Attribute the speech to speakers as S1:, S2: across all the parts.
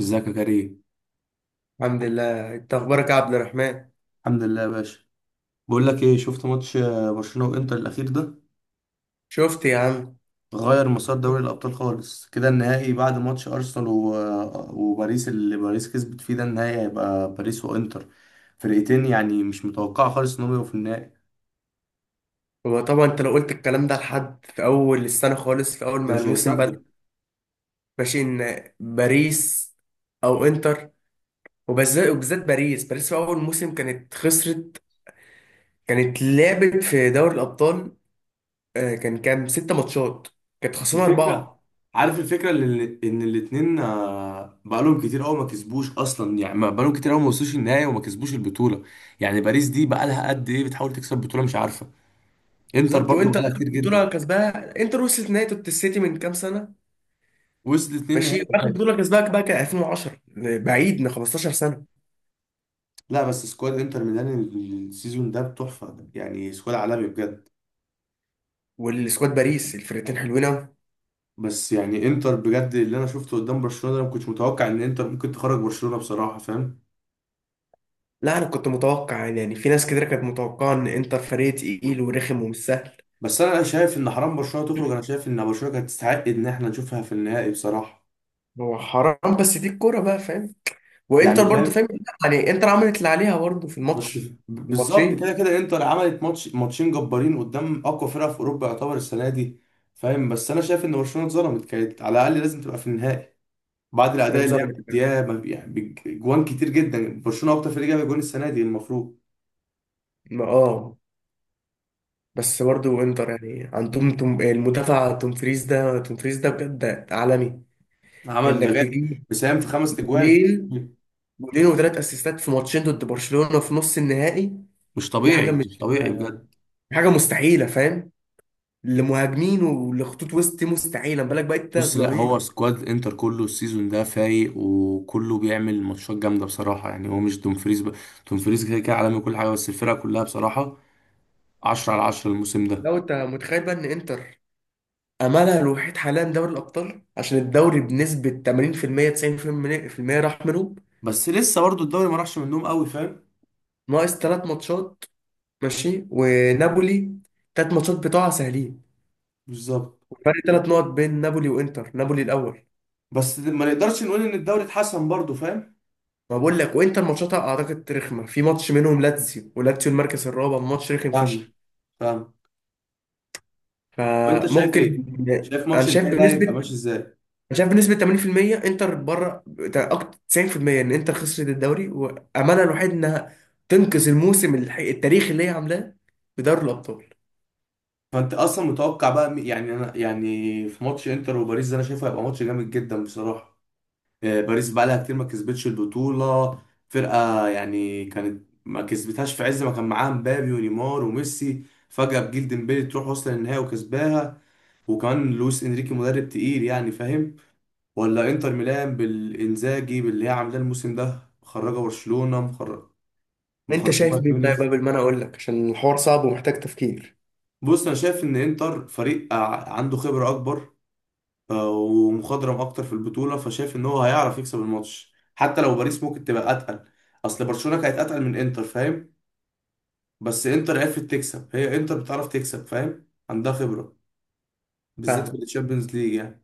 S1: ازيك يا كريم؟
S2: الحمد لله. انت اخبارك يا عبد الرحمن؟
S1: الحمد لله يا باشا. بقول لك ايه، شفت ماتش برشلونة وانتر الاخير ده؟
S2: شفت يا عم.
S1: غير مسار دوري الابطال خالص كده. النهائي بعد ماتش ارسنال و... آه، وباريس اللي باريس كسبت فيه ده، النهائي هيبقى باريس وانتر. فرقتين يعني مش متوقعة خالص انهم يبقوا في النهائي.
S2: هو طبعا انت لو قلت الكلام ده لحد في اول السنه خالص، في اول ما
S1: مش
S2: الموسم بدأ.
S1: هيصدق.
S2: ماشي، ان باريس او انتر. وبالذات باريس، باريس في اول موسم كانت خسرت. كانت لعبت في دوري الابطال. كان كام ست ماتشات كانت خسرانه
S1: الفكرة،
S2: اربعه.
S1: عارف الفكرة اللي ان الاتنين، بقالهم كتير قوي ما كسبوش اصلا، يعني بقالهم كتير قوي ما وصلوش النهائي وما كسبوش البطولة. يعني باريس دي بقالها قد ايه بتحاول تكسب بطولة مش عارفة. انتر
S2: بالظبط.
S1: برضو
S2: وانتر
S1: بقالها
S2: اخر
S1: كتير
S2: بطوله
S1: جدا.
S2: كسبها انتر، وصلت نهائي السيتي من كام سنه.
S1: وصل اتنين
S2: ماشي.
S1: نهائي
S2: واخر
S1: باين.
S2: بطوله كسبها بقى كان 2010، بعيد من 15 سنه.
S1: لا بس سكواد انتر ميلان السيزون ده تحفه، يعني سكواد عالمي بجد.
S2: والسكواد باريس الفرقتين حلوين أوي.
S1: بس يعني انتر بجد اللي انا شفته قدام برشلونه ده، ما كنتش متوقع ان انتر ممكن تخرج برشلونه بصراحه، فاهم.
S2: لا أنا كنت متوقع، يعني في ناس كتير كانت متوقعة إن إنتر فريق تقيل ورخم ومش سهل.
S1: بس انا شايف ان حرام برشلونه تخرج، انا شايف ان برشلونه كانت تستحق ان احنا نشوفها في النهائي بصراحه.
S2: هو حرام، بس دي الكورة بقى، فاهم. وإنتر
S1: يعني
S2: برضه،
S1: فاهم.
S2: فاهم. يعني إنتر عملت اللي عليها برضه في الماتش،
S1: بس
S2: في
S1: بالظبط
S2: الماتشين.
S1: كده كده انتر عملت ماتش ماتشين جبارين قدام اقوى فرقه في اوروبا يعتبر السنه دي. فاهم بس انا شايف ان برشلونه اتظلمت، كانت على الاقل لازم تبقى في النهائي بعد الاداء اللي هي
S2: واتظلمت.
S1: مدياه. يعني جوان كتير جدا، برشلونه اكتر فريق جاب جوان السنه دي المفروض.
S2: اه. بس برضه إنتر يعني عندهم توم المدافع، توم فريز ده، توم فريز ده بجد عالمي.
S1: عمل ده
S2: إنك
S1: جاب،
S2: تجيب
S1: بيساهم في خمس اجوان.
S2: جولين جولين وثلاث أسيستات في ماتشين ضد برشلونة في نص النهائي،
S1: مش
S2: دي حاجة،
S1: طبيعي،
S2: مش
S1: مش طبيعي بجد.
S2: حاجة مستحيلة، فاهم. لمهاجمين ولخطوط وسط مستحيله، ما بالك بقى انت
S1: بص، لا هو
S2: الظهير.
S1: سكواد انتر كله السيزون ده فايق، وكله بيعمل ماتشات جامده بصراحه. يعني هو مش دومفريز ب... دومفريز كده كده عالمي كل حاجه، بس الفرقه كلها بصراحه 10 على 10 الموسم ده.
S2: لو انت متخيل بقى ان انتر، املها الوحيد حاليا دوري الابطال عشان الدوري بنسبه 80% 90% راح منهم.
S1: بس لسه برضو الدوري ما راحش منهم قوي، فاهم.
S2: ناقص ثلاث ماتشات، ماشي ونابولي، ثلاث ماتشات بتوعها سهلين.
S1: بالظبط.
S2: فرق ثلاث نقط بين نابولي وانتر، نابولي الاول.
S1: بالظبط بس ما نقدرش نقول ان الدوري اتحسن برضه، فاهم.
S2: ما بقول لك، وانتر ماتشاتها اعتقد رخمه، في ماتش منهم لاتسيو، ولاتسيو المركز الرابع، ماتش رخم
S1: فاهم.
S2: فشخ.
S1: فاهم. وانت شايف
S2: فممكن.
S1: ايه؟ شايف
S2: انا
S1: ماتش
S2: شايف
S1: النهائي ده هيبقى
S2: بنسبه
S1: ماشي ازاي؟
S2: انا شايف بنسبه 80%، انتر بره بتاع اكتر 90% ان انتر خسرت الدوري، واملها الوحيد انها تنقذ الموسم التاريخي اللي هي عاملاه بدوري الابطال.
S1: فانت اصلا متوقع بقى يعني انا يعني في ماتش انتر وباريس ده انا شايفه هيبقى ماتش جامد جدا بصراحه. باريس بقى لها كتير ما كسبتش البطوله. فرقه يعني كانت ما كسبتهاش في عز ما كان معاها مبابي ونيمار وميسي، فجاه بجيل ديمبلي تروح وصل النهائي وكسباها، وكمان لويس انريكي مدرب تقيل، يعني فاهم. ولا انتر ميلان بالانزاجي، باللي هي عاملاه الموسم ده، مخرجه برشلونه، مخرجه،
S2: انت
S1: مخرجه
S2: شايف
S1: بايرن
S2: مين طيب،
S1: ميونخ.
S2: قبل ما انا اقول لك، عشان الحوار صعب ومحتاج تفكير.
S1: بص، انا شايف ان انتر فريق عنده خبره اكبر ومخضرم اكتر في البطوله، فشايف ان هو هيعرف يكسب الماتش حتى لو باريس ممكن تبقى اتقل. اصل برشلونه كانت اتقل من انتر، فاهم. بس انتر عرفت تكسب، هي انتر بتعرف تكسب، فاهم، عندها خبره بالذات في
S2: فاهم.
S1: الشامبيونز ليج يعني.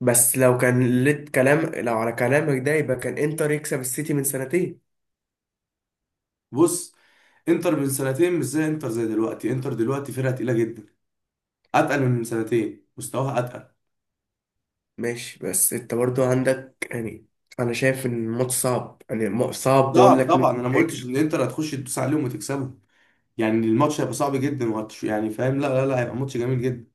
S2: بس لو كان لت كلام، لو على كلامك ده يبقى كان انتر يكسب السيتي من سنتين.
S1: بص، انتر من سنتين مش زي انتر زي دلوقتي. انتر دلوقتي فرقه تقيله جدا، اتقل من سنتين، مستواها اتقل.
S2: ماشي، بس انت برضو عندك يعني، انا شايف ان الماتش صعب، يعني صعب بقول
S1: صعب
S2: لك
S1: طبعا، انا
S2: مين
S1: ما قلتش
S2: هيكسب.
S1: ان انتر هتخش تدوس عليهم وتكسبهم. يعني الماتش هيبقى صعب جدا، وهتش يعني فاهم، لا لا لا هيبقى ماتش جميل جدا.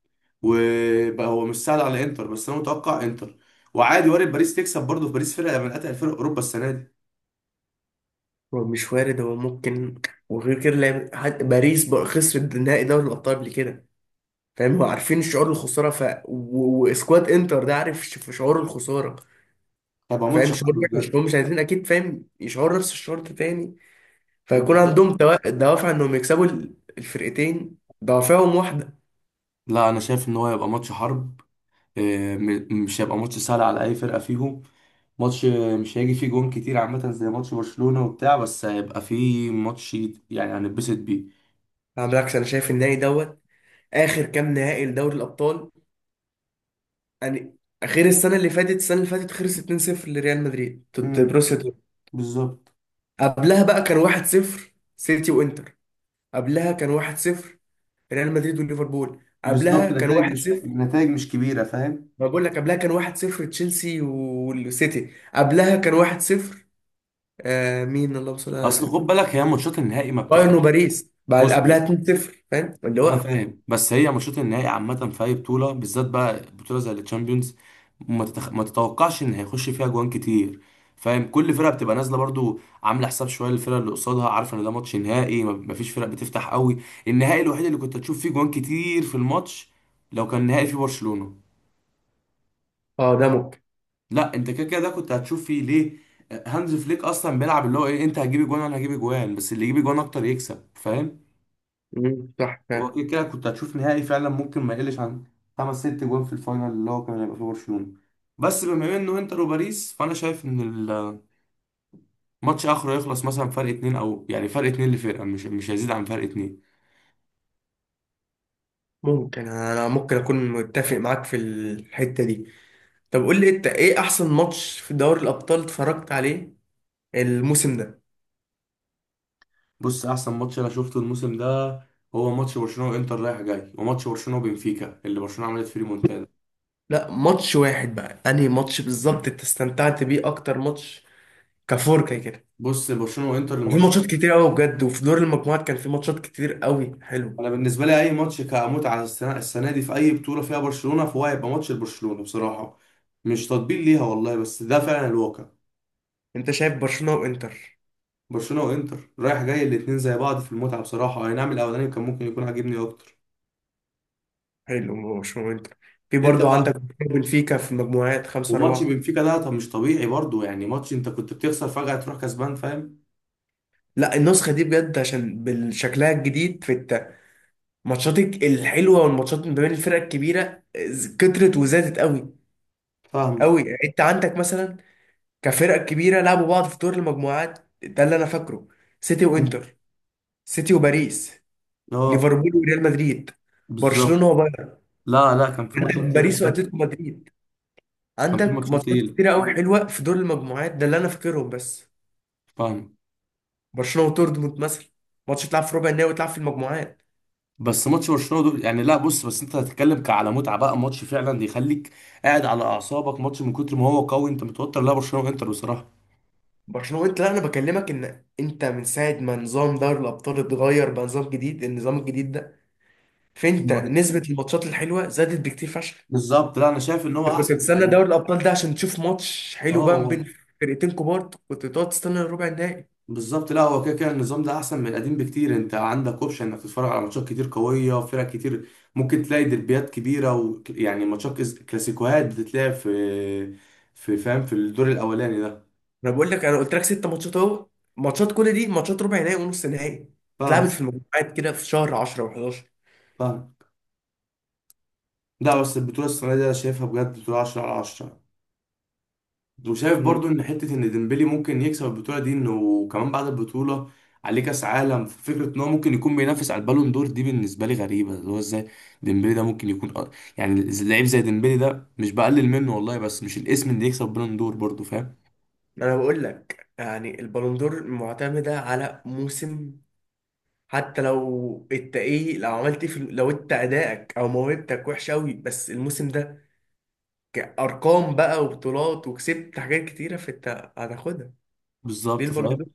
S1: وبقى هو مش سهل على انتر، بس انا متوقع انتر. وعادي، وارد باريس تكسب برضه. في باريس فرقه من اتقل فرق اوروبا السنه دي.
S2: هو مش وارد، هو ممكن. وغير كده لعب حتى باريس بقى، خسرت نهائي دوري الأبطال قبل كده، فاهم. هو عارفين شعور الخسارة، واسكواد انتر ده عارف، في شعور الخسارة،
S1: هيبقى
S2: فاهم.
S1: ماتش
S2: شعور
S1: حرب
S2: وحش،
S1: بجد.
S2: هم مش عايزين أكيد، فاهم، يشعروا نفس الشعور ده تاني. فيكون
S1: بالظبط،
S2: عندهم دوافع إنهم يكسبوا الفرقتين، دوافعهم واحدة.
S1: لا انا شايف ان هو هيبقى ماتش حرب. مش هيبقى ماتش سهل على اي فرقه فيهم. ماتش، مش هيجي فيه جون كتير عامه زي ماتش برشلونه وبتاع، بس هيبقى فيه ماتش يعني هنتبسط بيه.
S2: على بالعكس، أنا شايف النهائي دوت، آخر كام نهائي لدوري الأبطال يعني، غير السنة اللي فاتت، السنة اللي فاتت خلص 2-0 لريال مدريد ضد
S1: امم.
S2: بروسيا دورتموند.
S1: بالظبط.
S2: قبلها بقى كان 1-0 سيتي وانتر. قبلها كان 1-0 ريال مدريد وليفربول. قبلها
S1: بالظبط،
S2: كان
S1: نتائج مش،
S2: 1-0،
S1: نتائج مش كبيره، فاهم.
S2: ما بقول لك. قبلها كان 1-0 تشيلسي والسيتي. قبلها كان 1-0، آه مين، اللهم صل على
S1: اصل خد
S2: سيدنا.
S1: بالك هي ماتشات النهائي ما
S2: بايرن
S1: بتبقاش.
S2: وباريس، بعد
S1: بص
S2: قبلها
S1: بص،
S2: 2-0، فاهم اللي
S1: انا
S2: هو.
S1: فاهم، بس هي ماتشات النهائي عامه في اي بطوله، بالذات بقى بطوله زي التشامبيونز، ما تتوقعش ان هيخش فيها جوان كتير. فاهم، كل فرقه بتبقى نازله برضو عامله حساب شويه للفرقه اللي قصادها، عارفه ان ده ماتش نهائي، ما فيش فرق بتفتح قوي. النهائي الوحيد اللي كنت هتشوف فيه جوان كتير في الماتش لو كان نهائي في برشلونه.
S2: اه ده ممكن.
S1: لا انت كده كده ده كنت هتشوف فيه ليه، هانز فليك اصلا بيلعب اللي هو ايه، انت هتجيب جوان انا هجيب جوان، بس اللي يجيب جوان اكتر يكسب، فاهم.
S2: مم، صح
S1: هو
S2: فعلا.
S1: كده كده كنت هتشوف نهائي فعلا ممكن ما يقلش عن خمس ست جوان في الفاينل، اللي هو كان هيبقى فيه برشلونة. بس بما انه انتر وباريس، فانا شايف ان الماتش اخره يخلص مثلا فرق اتنين، او يعني فرق اتنين لفرقة، مش مش هيزيد عن فرق اتنين.
S2: ممكن اكون متفق معاك في الحتة دي. طب قول لي انت ايه احسن ماتش في دوري الابطال اتفرجت عليه الموسم ده.
S1: بص احسن ماتش انا شفته الموسم ده، هو ماتش برشلونة وانتر رايح جاي، وماتش برشلونة وبنفيكا اللي برشلونة عملت فيه ريمونتادا.
S2: لا ماتش واحد بقى، انهي ماتش بالظبط انت استمتعت بيه اكتر، ماتش كفور كده.
S1: بص، برشلونة وانتر
S2: في
S1: الماتش.
S2: ماتشات كتير قوي بجد، وفي دور المجموعات كان في ماتشات كتير قوي حلو.
S1: انا بالنسبة لي اي ماتش كمتعة السنة، السنة دي في اي بطولة فيها برشلونة فهو هيبقى ماتش لبرشلونة بصراحة. مش تطبيل ليها والله، بس ده فعلا الواقع.
S2: انت شايف برشلونة وانتر؟
S1: برشلونه وانتر رايح جاي الاثنين زي بعض في المتعه بصراحه، اي نعم الاولاني كان ممكن يكون عاجبني اكتر.
S2: حلو، برشلونة وانتر. في
S1: انت
S2: برضو عندك
S1: بقى.
S2: بنفيكا في المجموعات، خمسة
S1: وماتش
S2: أربعة.
S1: بنفيكا ده طب مش طبيعي برضو، يعني ماتش انت كنت بتخسر فجاه تروح كسبان، فاهم.
S2: لا النسخة دي بجد عشان بالشكلها الجديد، في الماتشات الحلوة والماتشات ما بين الفرق الكبيرة كترت وزادت قوي،
S1: فاهمه.
S2: قوي. انت عندك مثلا كفرق كبيرة لعبوا بعض في دور المجموعات ده، اللي انا فاكره، سيتي
S1: مم.
S2: وانتر، سيتي وباريس،
S1: اه.
S2: ليفربول وريال مدريد،
S1: بالظبط.
S2: برشلونة
S1: لا لا كان في ماتشات تقيله
S2: وباريس
S1: فعلا.
S2: واتلتيكو مدريد.
S1: كان في
S2: عندك
S1: ماتشات
S2: ماتشات
S1: تقيله.
S2: كتيرة قوي حلوة في دور المجموعات ده اللي انا فاكرهم بس.
S1: فاهم.
S2: برشلونة ودورتموند مثلا، ماتش تلعب في ربع النهائي وتلعب في المجموعات.
S1: بس ماتش برشلونه دول، يعني لا بص بس انت هتتكلم على متعه بقى ماتش فعلا بيخليك قاعد على اعصابك ماتش من كتر ما هو قوي انت متوتر، لا برشلونه وانتر بصراحه.
S2: برشلونة وانت. لا انا بكلمك ان انت من ساعة ما نظام دوري الابطال اتغير بقى نظام جديد، النظام الجديد ده فانت نسبة الماتشات الحلوة زادت بكتير فشخ.
S1: بالظبط، لا انا شايف ان هو
S2: أنت كنت
S1: احسن من
S2: تستنى
S1: القديم.
S2: دوري الابطال ده عشان تشوف ماتش حلو
S1: اه
S2: بقى ما بين
S1: هو.
S2: فرقتين كبار، كنت تقعد تستنى الربع النهائي.
S1: بالظبط، لا هو كده كده النظام ده احسن من القديم بكتير. انت عندك اوبشن انك تتفرج على ماتشات كتير قويه وفرق كتير، ممكن تلاقي دربيات كبيره، ويعني ماتشات كلاسيكوهات بتتلعب في في، فاهم، في الدور الاولاني ده.
S2: انا بقول لك، انا قلت لك ست ماتشات اهو، ماتشات كل دي ماتشات ربع نهائي ونص نهائي، اتلعبت
S1: فاهم.
S2: في المجموعات كده في شهر 10 و11.
S1: فاهم. لا بس البطوله السنه دي انا شايفها بجد بطوله 10 على 10. وشايف برضو ان حته ان ديمبلي ممكن يكسب البطوله دي، انه كمان بعد البطوله عليه كاس عالم، فكره ان هو ممكن يكون بينافس على البالون دور دي بالنسبه لي غريبه، اللي هو ازاي ديمبلي ده ممكن يكون يعني لعيب زي ديمبلي ده، مش بقلل منه والله، بس مش الاسم اللي يكسب بالون دور برضو، فاهم.
S2: ما انا بقول لك يعني البالون دور معتمده على موسم. حتى لو انت ايه، لو عملت إيه في لو انت ادائك او موهبتك وحش قوي، بس الموسم ده كارقام بقى وبطولات وكسبت حاجات كتيره، فانت هتاخدها، ليه
S1: بالظبط،
S2: البالون
S1: فاهم.
S2: دور.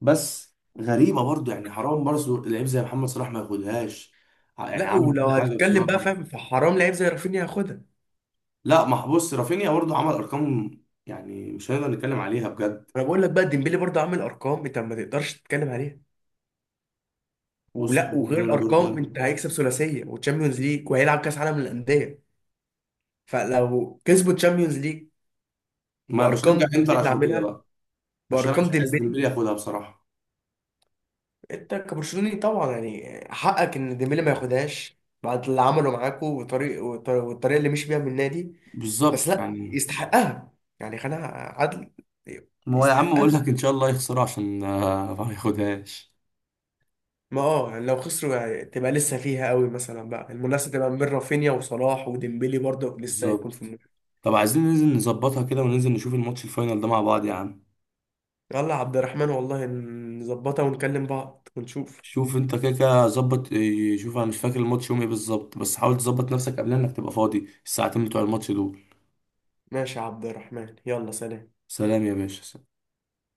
S1: بس غريبه برضو، يعني حرام برضو لعيب زي محمد صلاح ما ياخدهاش. يعني
S2: لا
S1: عمل
S2: ولو
S1: كل حاجه
S2: هتتكلم بقى،
S1: بصراحه.
S2: فاهم، فحرام لعيب زي رافينيا ياخدها.
S1: لا ما بص رافينيا برضو عمل ارقام، يعني مش هنقدر نتكلم عليها بجد.
S2: انا بقول لك بقى ديمبلي برضه عامل ارقام، انت ما تقدرش تتكلم عليها.
S1: بص
S2: ولا،
S1: حوار
S2: وغير
S1: البالون دور ده،
S2: الارقام، انت هيكسب ثلاثيه وتشامبيونز ليج وهيلعب كاس عالم للانديه. فلو كسبوا تشامبيونز ليج
S1: ما أنا
S2: بارقام
S1: بشجع
S2: ديمبلي
S1: انتر
S2: اللي
S1: عشان كده
S2: عاملها،
S1: بقى، عشان انا
S2: بارقام
S1: مش عايز
S2: ديمبلي.
S1: ديمبلي ياخدها بصراحه.
S2: انت كبرشلوني طبعا، يعني حقك ان ديمبلي ما ياخدهاش بعد اللي عمله معاكوا، والطريقه اللي مشي بيها من النادي. بس
S1: بالظبط
S2: لا
S1: يعني.
S2: يستحقها، يعني خلينا عدل.
S1: ما هو يا عم بقول
S2: يستحقها.
S1: لك ان شاء الله يخسرها عشان ما ياخدهاش.
S2: ما اه، يعني لو خسروا يعني تبقى لسه فيها قوي، مثلا بقى المنافسه تبقى ما بين رافينيا وصلاح وديمبلي، برضه لسه هيكون في
S1: بالظبط.
S2: المنافسه.
S1: طب عايزين ننزل نظبطها كده وننزل نشوف الماتش الفاينل ده مع بعض يا عم.
S2: يلا يا عبد الرحمن، والله نظبطها ونكلم بعض ونشوف.
S1: شوف انت كده كده ظبط إيه، شوف انا مش فاكر الماتش يوم ايه بالظبط، بس حاول تظبط نفسك قبل انك تبقى فاضي الساعتين بتوع الماتش دول.
S2: ماشي يا عبد الرحمن، يلا سلام.
S1: سلام يا باشا.